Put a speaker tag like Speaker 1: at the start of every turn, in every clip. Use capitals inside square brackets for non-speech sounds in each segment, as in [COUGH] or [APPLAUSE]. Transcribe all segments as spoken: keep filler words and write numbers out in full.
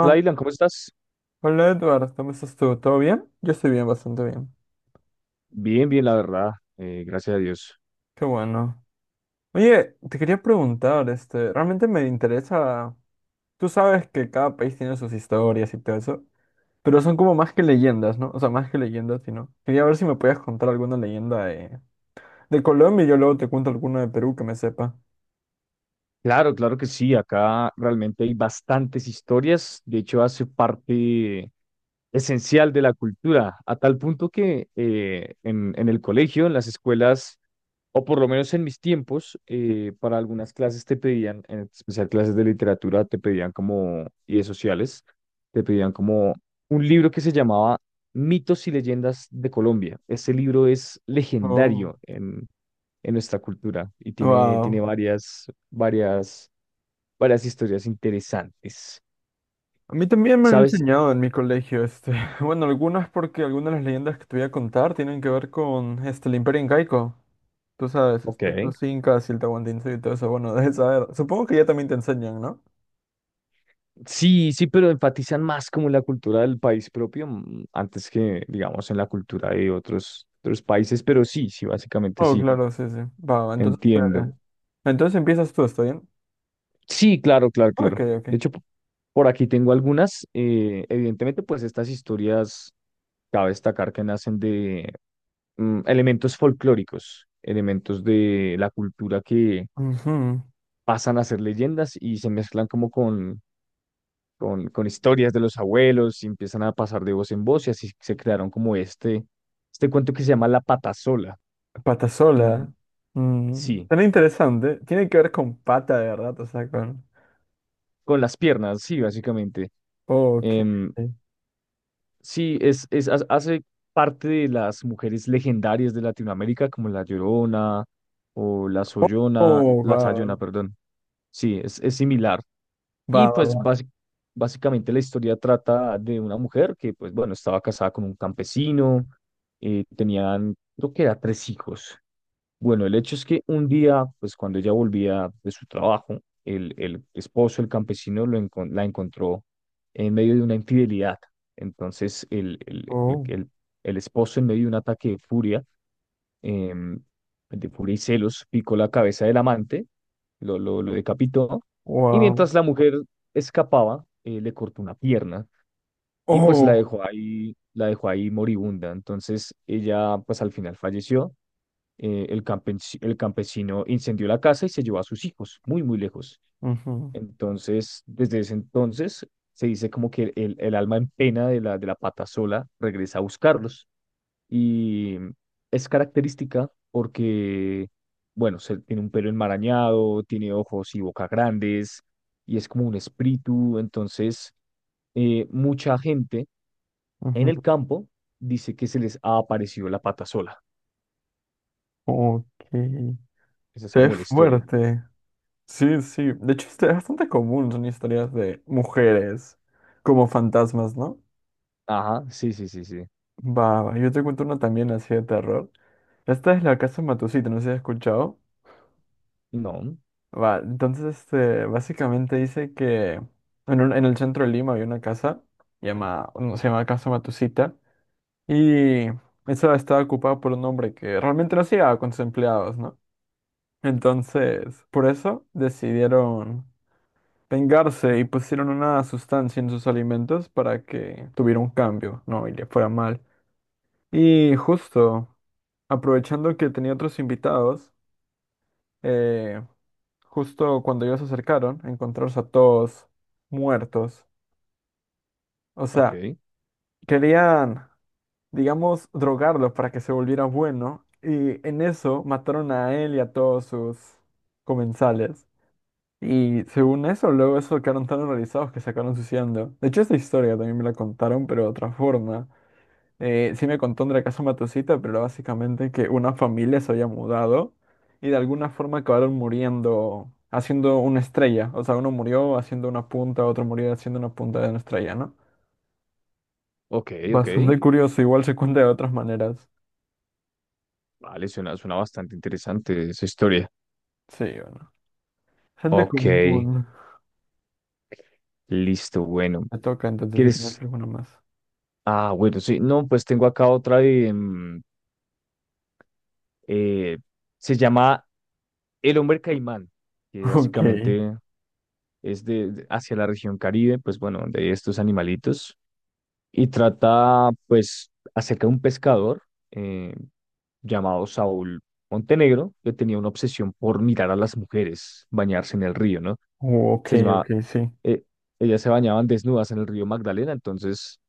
Speaker 1: Hola, Dylan, ¿cómo estás?
Speaker 2: hola Edward, ¿cómo estás tú? ¿Todo bien? Yo estoy bien, bastante bien.
Speaker 1: Bien, bien, la verdad, eh, gracias a Dios.
Speaker 2: Qué bueno. Oye, te quería preguntar, este, realmente me interesa, tú sabes que cada país tiene sus historias y todo eso, pero son como más que leyendas, ¿no? O sea, más que leyendas, sino. Quería ver si me podías contar alguna leyenda de, de Colombia y yo luego te cuento alguna de Perú que me sepa.
Speaker 1: Claro, claro que sí. Acá realmente hay bastantes historias. De hecho, hace parte esencial de la cultura, a tal punto que eh, en, en el colegio, en las escuelas, o por lo menos en mis tiempos, eh, para algunas clases te pedían, en especial clases de literatura, te pedían como, y de sociales, te pedían como un libro que se llamaba Mitos y Leyendas de Colombia. Este libro es
Speaker 2: Oh,
Speaker 1: legendario en, en nuestra cultura y tiene, tiene
Speaker 2: wow.
Speaker 1: varias, varias, varias historias interesantes.
Speaker 2: A mí también me han
Speaker 1: ¿Sabes?
Speaker 2: enseñado en mi colegio, este, [LAUGHS] bueno, algunas porque algunas de las leyendas que te voy a contar tienen que ver con, este, el Imperio Incaico. Tú sabes,
Speaker 1: Ok.
Speaker 2: este, los incas y el tahuantinsuyo y todo eso, bueno, [LAUGHS] debes saber. Supongo que ya también te enseñan, ¿no?
Speaker 1: Sí, sí, pero enfatizan más como la cultura del país propio, mm, antes que, digamos, en la cultura de otros, otros países, pero sí, sí, básicamente
Speaker 2: Oh,
Speaker 1: sí,
Speaker 2: claro, sí, sí. Va, va entonces,
Speaker 1: entiendo.
Speaker 2: eh, entonces empiezas tú, ¿está bien?
Speaker 1: Sí, claro, claro, claro.
Speaker 2: Ok, ok.
Speaker 1: De hecho, p- por aquí tengo algunas. Eh, evidentemente, pues estas historias, cabe destacar que nacen de mm, elementos folclóricos, elementos de la cultura que
Speaker 2: Ujú.
Speaker 1: pasan a ser leyendas y se mezclan como con con, con historias de los abuelos y empiezan a pasar de voz en voz, y así se crearon como este, este cuento que se llama La Patasola.
Speaker 2: Patasola.
Speaker 1: Mm,
Speaker 2: Mm,
Speaker 1: sí,
Speaker 2: tan interesante. Tiene que ver con pata, de verdad, o sea, con...
Speaker 1: con las piernas, sí, básicamente.
Speaker 2: Ok.
Speaker 1: Em, sí, es, es, ha- hace parte de las mujeres legendarias de Latinoamérica como la Llorona o la Sollona,
Speaker 2: Oh,
Speaker 1: la
Speaker 2: va,
Speaker 1: Sayona, perdón. Sí, es, es similar.
Speaker 2: va,
Speaker 1: Y
Speaker 2: va,
Speaker 1: pues
Speaker 2: va.
Speaker 1: basi- básicamente la historia trata de una mujer que, pues bueno, estaba casada con un campesino. Eh, tenían, creo que era tres hijos. Bueno, el hecho es que un día, pues cuando ella volvía de su trabajo, el, el esposo, el campesino, lo encon- la encontró en medio de una infidelidad. Entonces, el, el, el,
Speaker 2: Oh,
Speaker 1: el- el esposo, en medio de un ataque de furia, em, de furia y celos, picó la cabeza del amante, lo, lo, lo decapitó. Y
Speaker 2: wow.
Speaker 1: mientras la mujer escapaba, eh, le cortó una pierna y pues la
Speaker 2: Oh.
Speaker 1: dejó ahí, la dejó ahí moribunda. Entonces ella pues al final falleció. Eh, el campes- el campesino incendió la casa y se llevó a sus hijos muy, muy lejos.
Speaker 2: Ujú,
Speaker 1: Entonces, desde ese entonces se dice como que el, el alma en pena de la, de la pata sola regresa a buscarlos. Y es característica porque, bueno, se- tiene un pelo enmarañado, tiene ojos y boca grandes, y es como un espíritu. Entonces, eh, mucha gente en
Speaker 2: ujú.
Speaker 1: el campo dice que se les ha aparecido la pata sola.
Speaker 2: Ok.
Speaker 1: Esa es
Speaker 2: Se ve
Speaker 1: como la historia.
Speaker 2: fuerte. Sí, sí. De hecho, este es bastante común, son historias de mujeres como fantasmas, ¿no?
Speaker 1: Ajá, sí, sí, sí, sí.
Speaker 2: Va, va. Yo te cuento una también así de terror. Esta es la casa Matusita, no sé si has escuchado.
Speaker 1: No,
Speaker 2: Va, entonces, este, básicamente dice que en, un- en el centro de Lima había una casa, llama, no, se llama Casa Matusita, y esa estaba ocupada por un hombre que realmente no hacía con sus empleados, ¿no? Entonces, por eso decidieron. Vengarse y pusieron una sustancia en sus alimentos para que tuviera un cambio, ¿no? Y le fuera mal. Y justo, aprovechando que tenía otros invitados, eh, justo cuando ellos se acercaron, encontrarse a todos muertos. O sea,
Speaker 1: ok,
Speaker 2: querían, digamos, drogarlo para que se volviera bueno. Y en eso mataron a él y a todos sus comensales. Y según eso, luego eso quedaron tan horrorizados que se acabaron suicidando. De hecho, esta historia también me la contaron, pero de otra forma. Eh, sí me contó Andrea Casa Matosita, pero básicamente que una familia se había mudado y de alguna forma acabaron muriendo haciendo una estrella. O sea, uno murió haciendo una punta, otro murió haciendo una punta de una estrella, ¿no?
Speaker 1: ok, ok.
Speaker 2: Bastante curioso, igual se cuenta de otras maneras.
Speaker 1: Vale, suena, suena bastante interesante esa historia.
Speaker 2: Sí, bueno. Gente ok.
Speaker 1: Ok,
Speaker 2: Común.
Speaker 1: listo, bueno.
Speaker 2: Me toca entonces si tienes
Speaker 1: ¿Quieres?
Speaker 2: alguna más.
Speaker 1: Ah, bueno, sí. No, pues tengo acá otra de... mm, Eh, se llama El Hombre Caimán, que
Speaker 2: [LAUGHS] Ok.
Speaker 1: básicamente es de, de- hacia la región Caribe, pues bueno, de estos animalitos, y trata pues acerca de un pescador eh, llamado Saúl Montenegro, que tenía una obsesión por mirar a las mujeres bañarse en el río, ¿no?
Speaker 2: Oh, ok,
Speaker 1: Se llamaba,
Speaker 2: ok, sí.
Speaker 1: eh, ellas se bañaban desnudas en el río Magdalena. Entonces,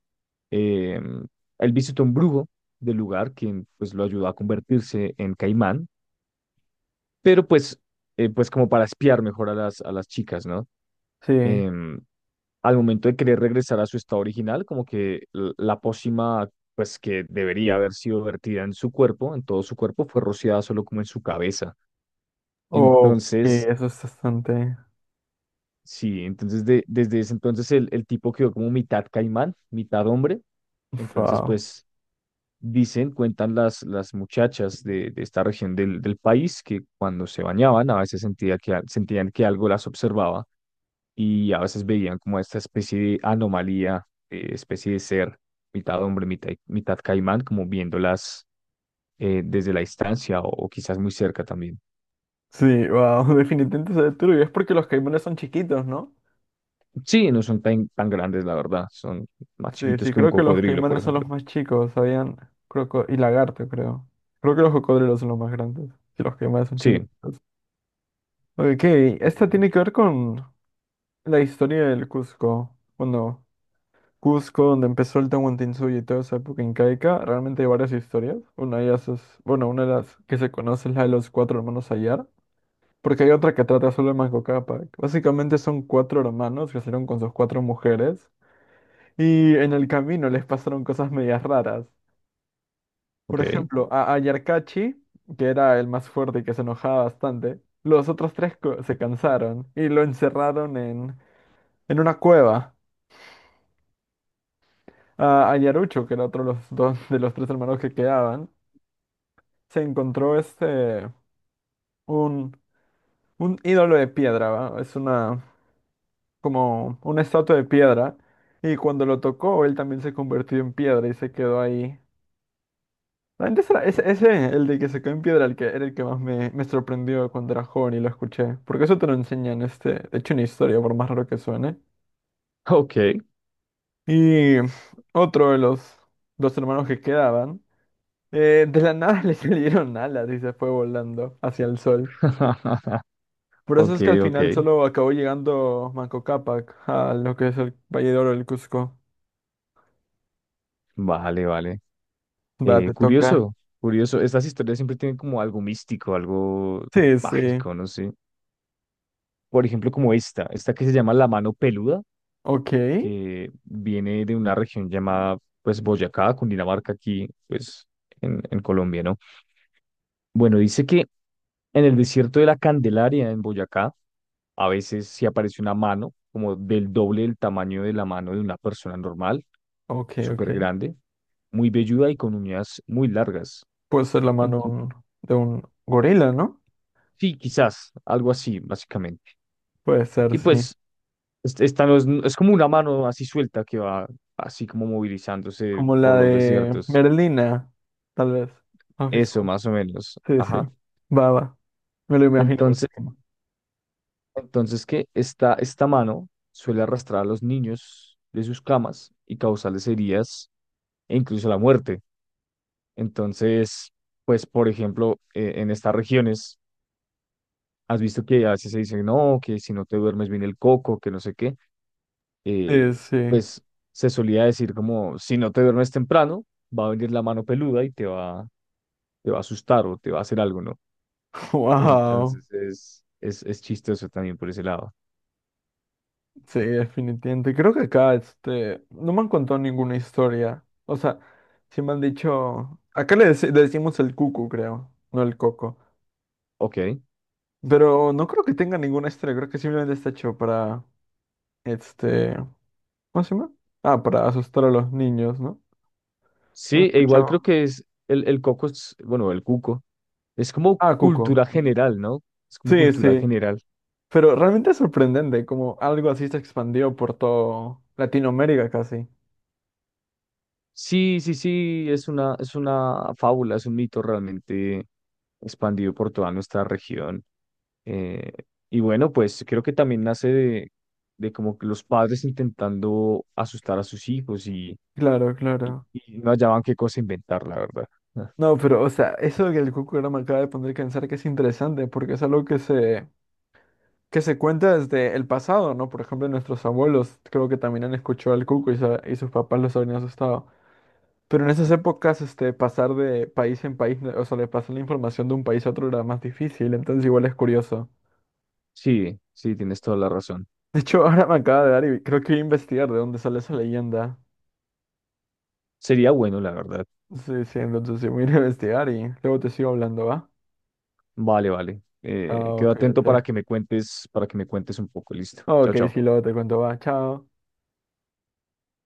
Speaker 1: eh, él visitó un brujo del lugar, quien pues lo ayudó a convertirse en caimán, pero pues, eh, pues como para espiar mejor a las, a las chicas, ¿no?
Speaker 2: Sí.
Speaker 1: Em, Al momento de querer regresar a su estado original, como que l- la pócima, pues que debería haber sido vertida en su cuerpo, en todo su cuerpo, fue rociada solo como en su cabeza.
Speaker 2: Ok,
Speaker 1: Entonces,
Speaker 2: eso es bastante.
Speaker 1: sí, entonces de- desde ese entonces el, el tipo quedó como mitad caimán, mitad hombre. Entonces,
Speaker 2: Wow.
Speaker 1: pues dicen, cuentan las, las muchachas de, de esta región del, del país que cuando se bañaban a veces sentía que, a- sentían que algo las observaba, y a veces veían como esta especie de anomalía, eh, especie de ser mitad hombre, mitad, mitad caimán, como viéndolas eh, desde la distancia o, o quizás muy cerca también.
Speaker 2: Sí, wow. [LAUGHS] Definitivamente se ve turbio. Es porque los caimanes son chiquitos, ¿no?
Speaker 1: Sí, no son tan, tan grandes, la verdad, son más
Speaker 2: Sí,
Speaker 1: chiquitos
Speaker 2: sí,
Speaker 1: que un
Speaker 2: creo que los
Speaker 1: cocodrilo, por
Speaker 2: caimanes son los
Speaker 1: ejemplo.
Speaker 2: más chicos. Habían croco y lagarto, creo. Creo que los cocodrilos son los más grandes. Y los caimanes son
Speaker 1: Sí,
Speaker 2: chiquitos. Ok,
Speaker 1: sí, sí,
Speaker 2: esta
Speaker 1: sí.
Speaker 2: tiene que ver con la historia del Cusco. Bueno, Cusco, donde empezó el Tahuantinsuyo y toda esa época incaica. Realmente hay varias historias. Una de ellas es, bueno, una de las que se conoce es la de los cuatro hermanos Ayar. Porque hay otra que trata solo de Manco Cápac. Básicamente son cuatro hermanos que salieron con sus cuatro mujeres y en el camino les pasaron cosas medias raras. Por
Speaker 1: Ok,
Speaker 2: ejemplo, a, a Yarkachi, que era el más fuerte y que se enojaba bastante, los otros tres co- se cansaron y lo encerraron en, en una cueva. A, a Yarucho, que era otro de los dos de los tres hermanos que quedaban, se encontró este un, un ídolo de piedra, ¿va? Es una como una estatua de piedra. Y cuando lo tocó, él también se convirtió en piedra y se quedó ahí. Realmente ese, era- ese, ese, el de que se quedó en piedra, el que era el que más me, me sorprendió cuando era joven y lo escuché. Porque eso te lo enseñan, este, de hecho, una historia, por más raro que suene.
Speaker 1: ok,
Speaker 2: Y otro de los dos hermanos que quedaban, eh, de la nada [LAUGHS] le salieron alas y se fue volando hacia el sol.
Speaker 1: [LAUGHS]
Speaker 2: Por eso
Speaker 1: ok,
Speaker 2: es que al
Speaker 1: ok,
Speaker 2: final solo acabó llegando Manco Cápac a lo que es el Valle de Oro del Cusco.
Speaker 1: vale, vale.
Speaker 2: Va,
Speaker 1: Eh,
Speaker 2: te toca.
Speaker 1: curioso, curioso, estas historias siempre tienen como algo místico, algo
Speaker 2: Sí, sí.
Speaker 1: mágico, no sé. Por ejemplo, como esta, esta que se llama La Mano Peluda,
Speaker 2: Ok,
Speaker 1: que viene de una región llamada pues Boyacá, Cundinamarca, aquí pues en, en Colombia, ¿no? Bueno, dice que en el desierto de la Candelaria, en Boyacá, a veces sí aparece una mano como del doble del tamaño de la mano de una persona normal,
Speaker 2: ok, ok.
Speaker 1: súper grande, muy velluda y con uñas muy largas.
Speaker 2: Puede ser la mano
Speaker 1: Ent-
Speaker 2: un- de un gorila, ¿no?
Speaker 1: sí, quizás, algo así, básicamente.
Speaker 2: Puede ser,
Speaker 1: Y
Speaker 2: sí.
Speaker 1: pues este- esta no es, es como una mano así suelta que va así como movilizándose
Speaker 2: Como
Speaker 1: por
Speaker 2: la
Speaker 1: los
Speaker 2: de
Speaker 1: desiertos.
Speaker 2: Merlina, tal vez. ¿Has visto?
Speaker 1: Eso, más o menos.
Speaker 2: Sí, sí.
Speaker 1: Ajá.
Speaker 2: Baba. Me lo imagino. Me lo
Speaker 1: Entonces,
Speaker 2: imagino.
Speaker 1: entonces que esta, esta mano suele arrastrar a los niños de sus camas y causarles heridas e incluso la muerte. Entonces, pues, por ejemplo, eh, en estas regiones, has visto que a veces se dice, no, que si no te duermes bien el coco, que no sé qué, eh,
Speaker 2: Sí, sí.
Speaker 1: pues se solía decir como, si no te duermes temprano, va a venir la mano peluda y te va, te va a asustar o te va a hacer algo, ¿no?
Speaker 2: [LAUGHS] Wow.
Speaker 1: Entonces es, es, es chistoso también por ese lado.
Speaker 2: Sí, definitivamente. Creo que acá, este, no me han contado ninguna historia. O sea, sí me han dicho. Acá le, deci- le decimos el cucu, creo, no el coco.
Speaker 1: Ok.
Speaker 2: Pero no creo que tenga ninguna historia. Creo que simplemente está hecho para, este. ¿Cómo se llama? Ah, para asustar a los niños, ¿no? No he
Speaker 1: Sí, e igual creo
Speaker 2: escuchado.
Speaker 1: que es el, el coco, es, bueno, el cuco, es como
Speaker 2: Ah, Cuco.
Speaker 1: cultura general, ¿no? Es como
Speaker 2: Sí,
Speaker 1: cultura
Speaker 2: sí.
Speaker 1: general.
Speaker 2: Pero realmente es sorprendente como algo así se expandió por todo Latinoamérica casi.
Speaker 1: Sí, sí, sí, es una, es una fábula, es un mito realmente expandido por toda nuestra región. Eh, y bueno, pues creo que también nace de, de como que los padres intentando asustar a sus hijos y,
Speaker 2: Claro, claro.
Speaker 1: y no hallaban qué cosa inventar, la verdad. Ah,
Speaker 2: No, pero, o sea, eso que el Cuco ahora me acaba de poner a pensar que es interesante porque es algo que se, que se cuenta desde el pasado, ¿no? Por ejemplo, nuestros abuelos creo que también han escuchado al Cuco y, sa- y sus papás los habían asustado. Pero en esas épocas, este, pasar de país en país, o sea, de pasar la información de un país a otro era más difícil, entonces igual es curioso.
Speaker 1: sí, sí, tienes toda la razón.
Speaker 2: De hecho, [LAUGHS] ahora me acaba de dar y creo que voy a investigar de dónde sale esa leyenda.
Speaker 1: Sería bueno, la verdad.
Speaker 2: Sí, sí, entonces sí, voy a ir a investigar y luego te sigo hablando, ¿va?
Speaker 1: Vale, vale. Eh,
Speaker 2: Chao,
Speaker 1: quedo atento para
Speaker 2: cuídate.
Speaker 1: que me cuentes, para que me cuentes un poco. Listo. Chao,
Speaker 2: Ok,
Speaker 1: chao.
Speaker 2: sí, luego te cuento, va, chao.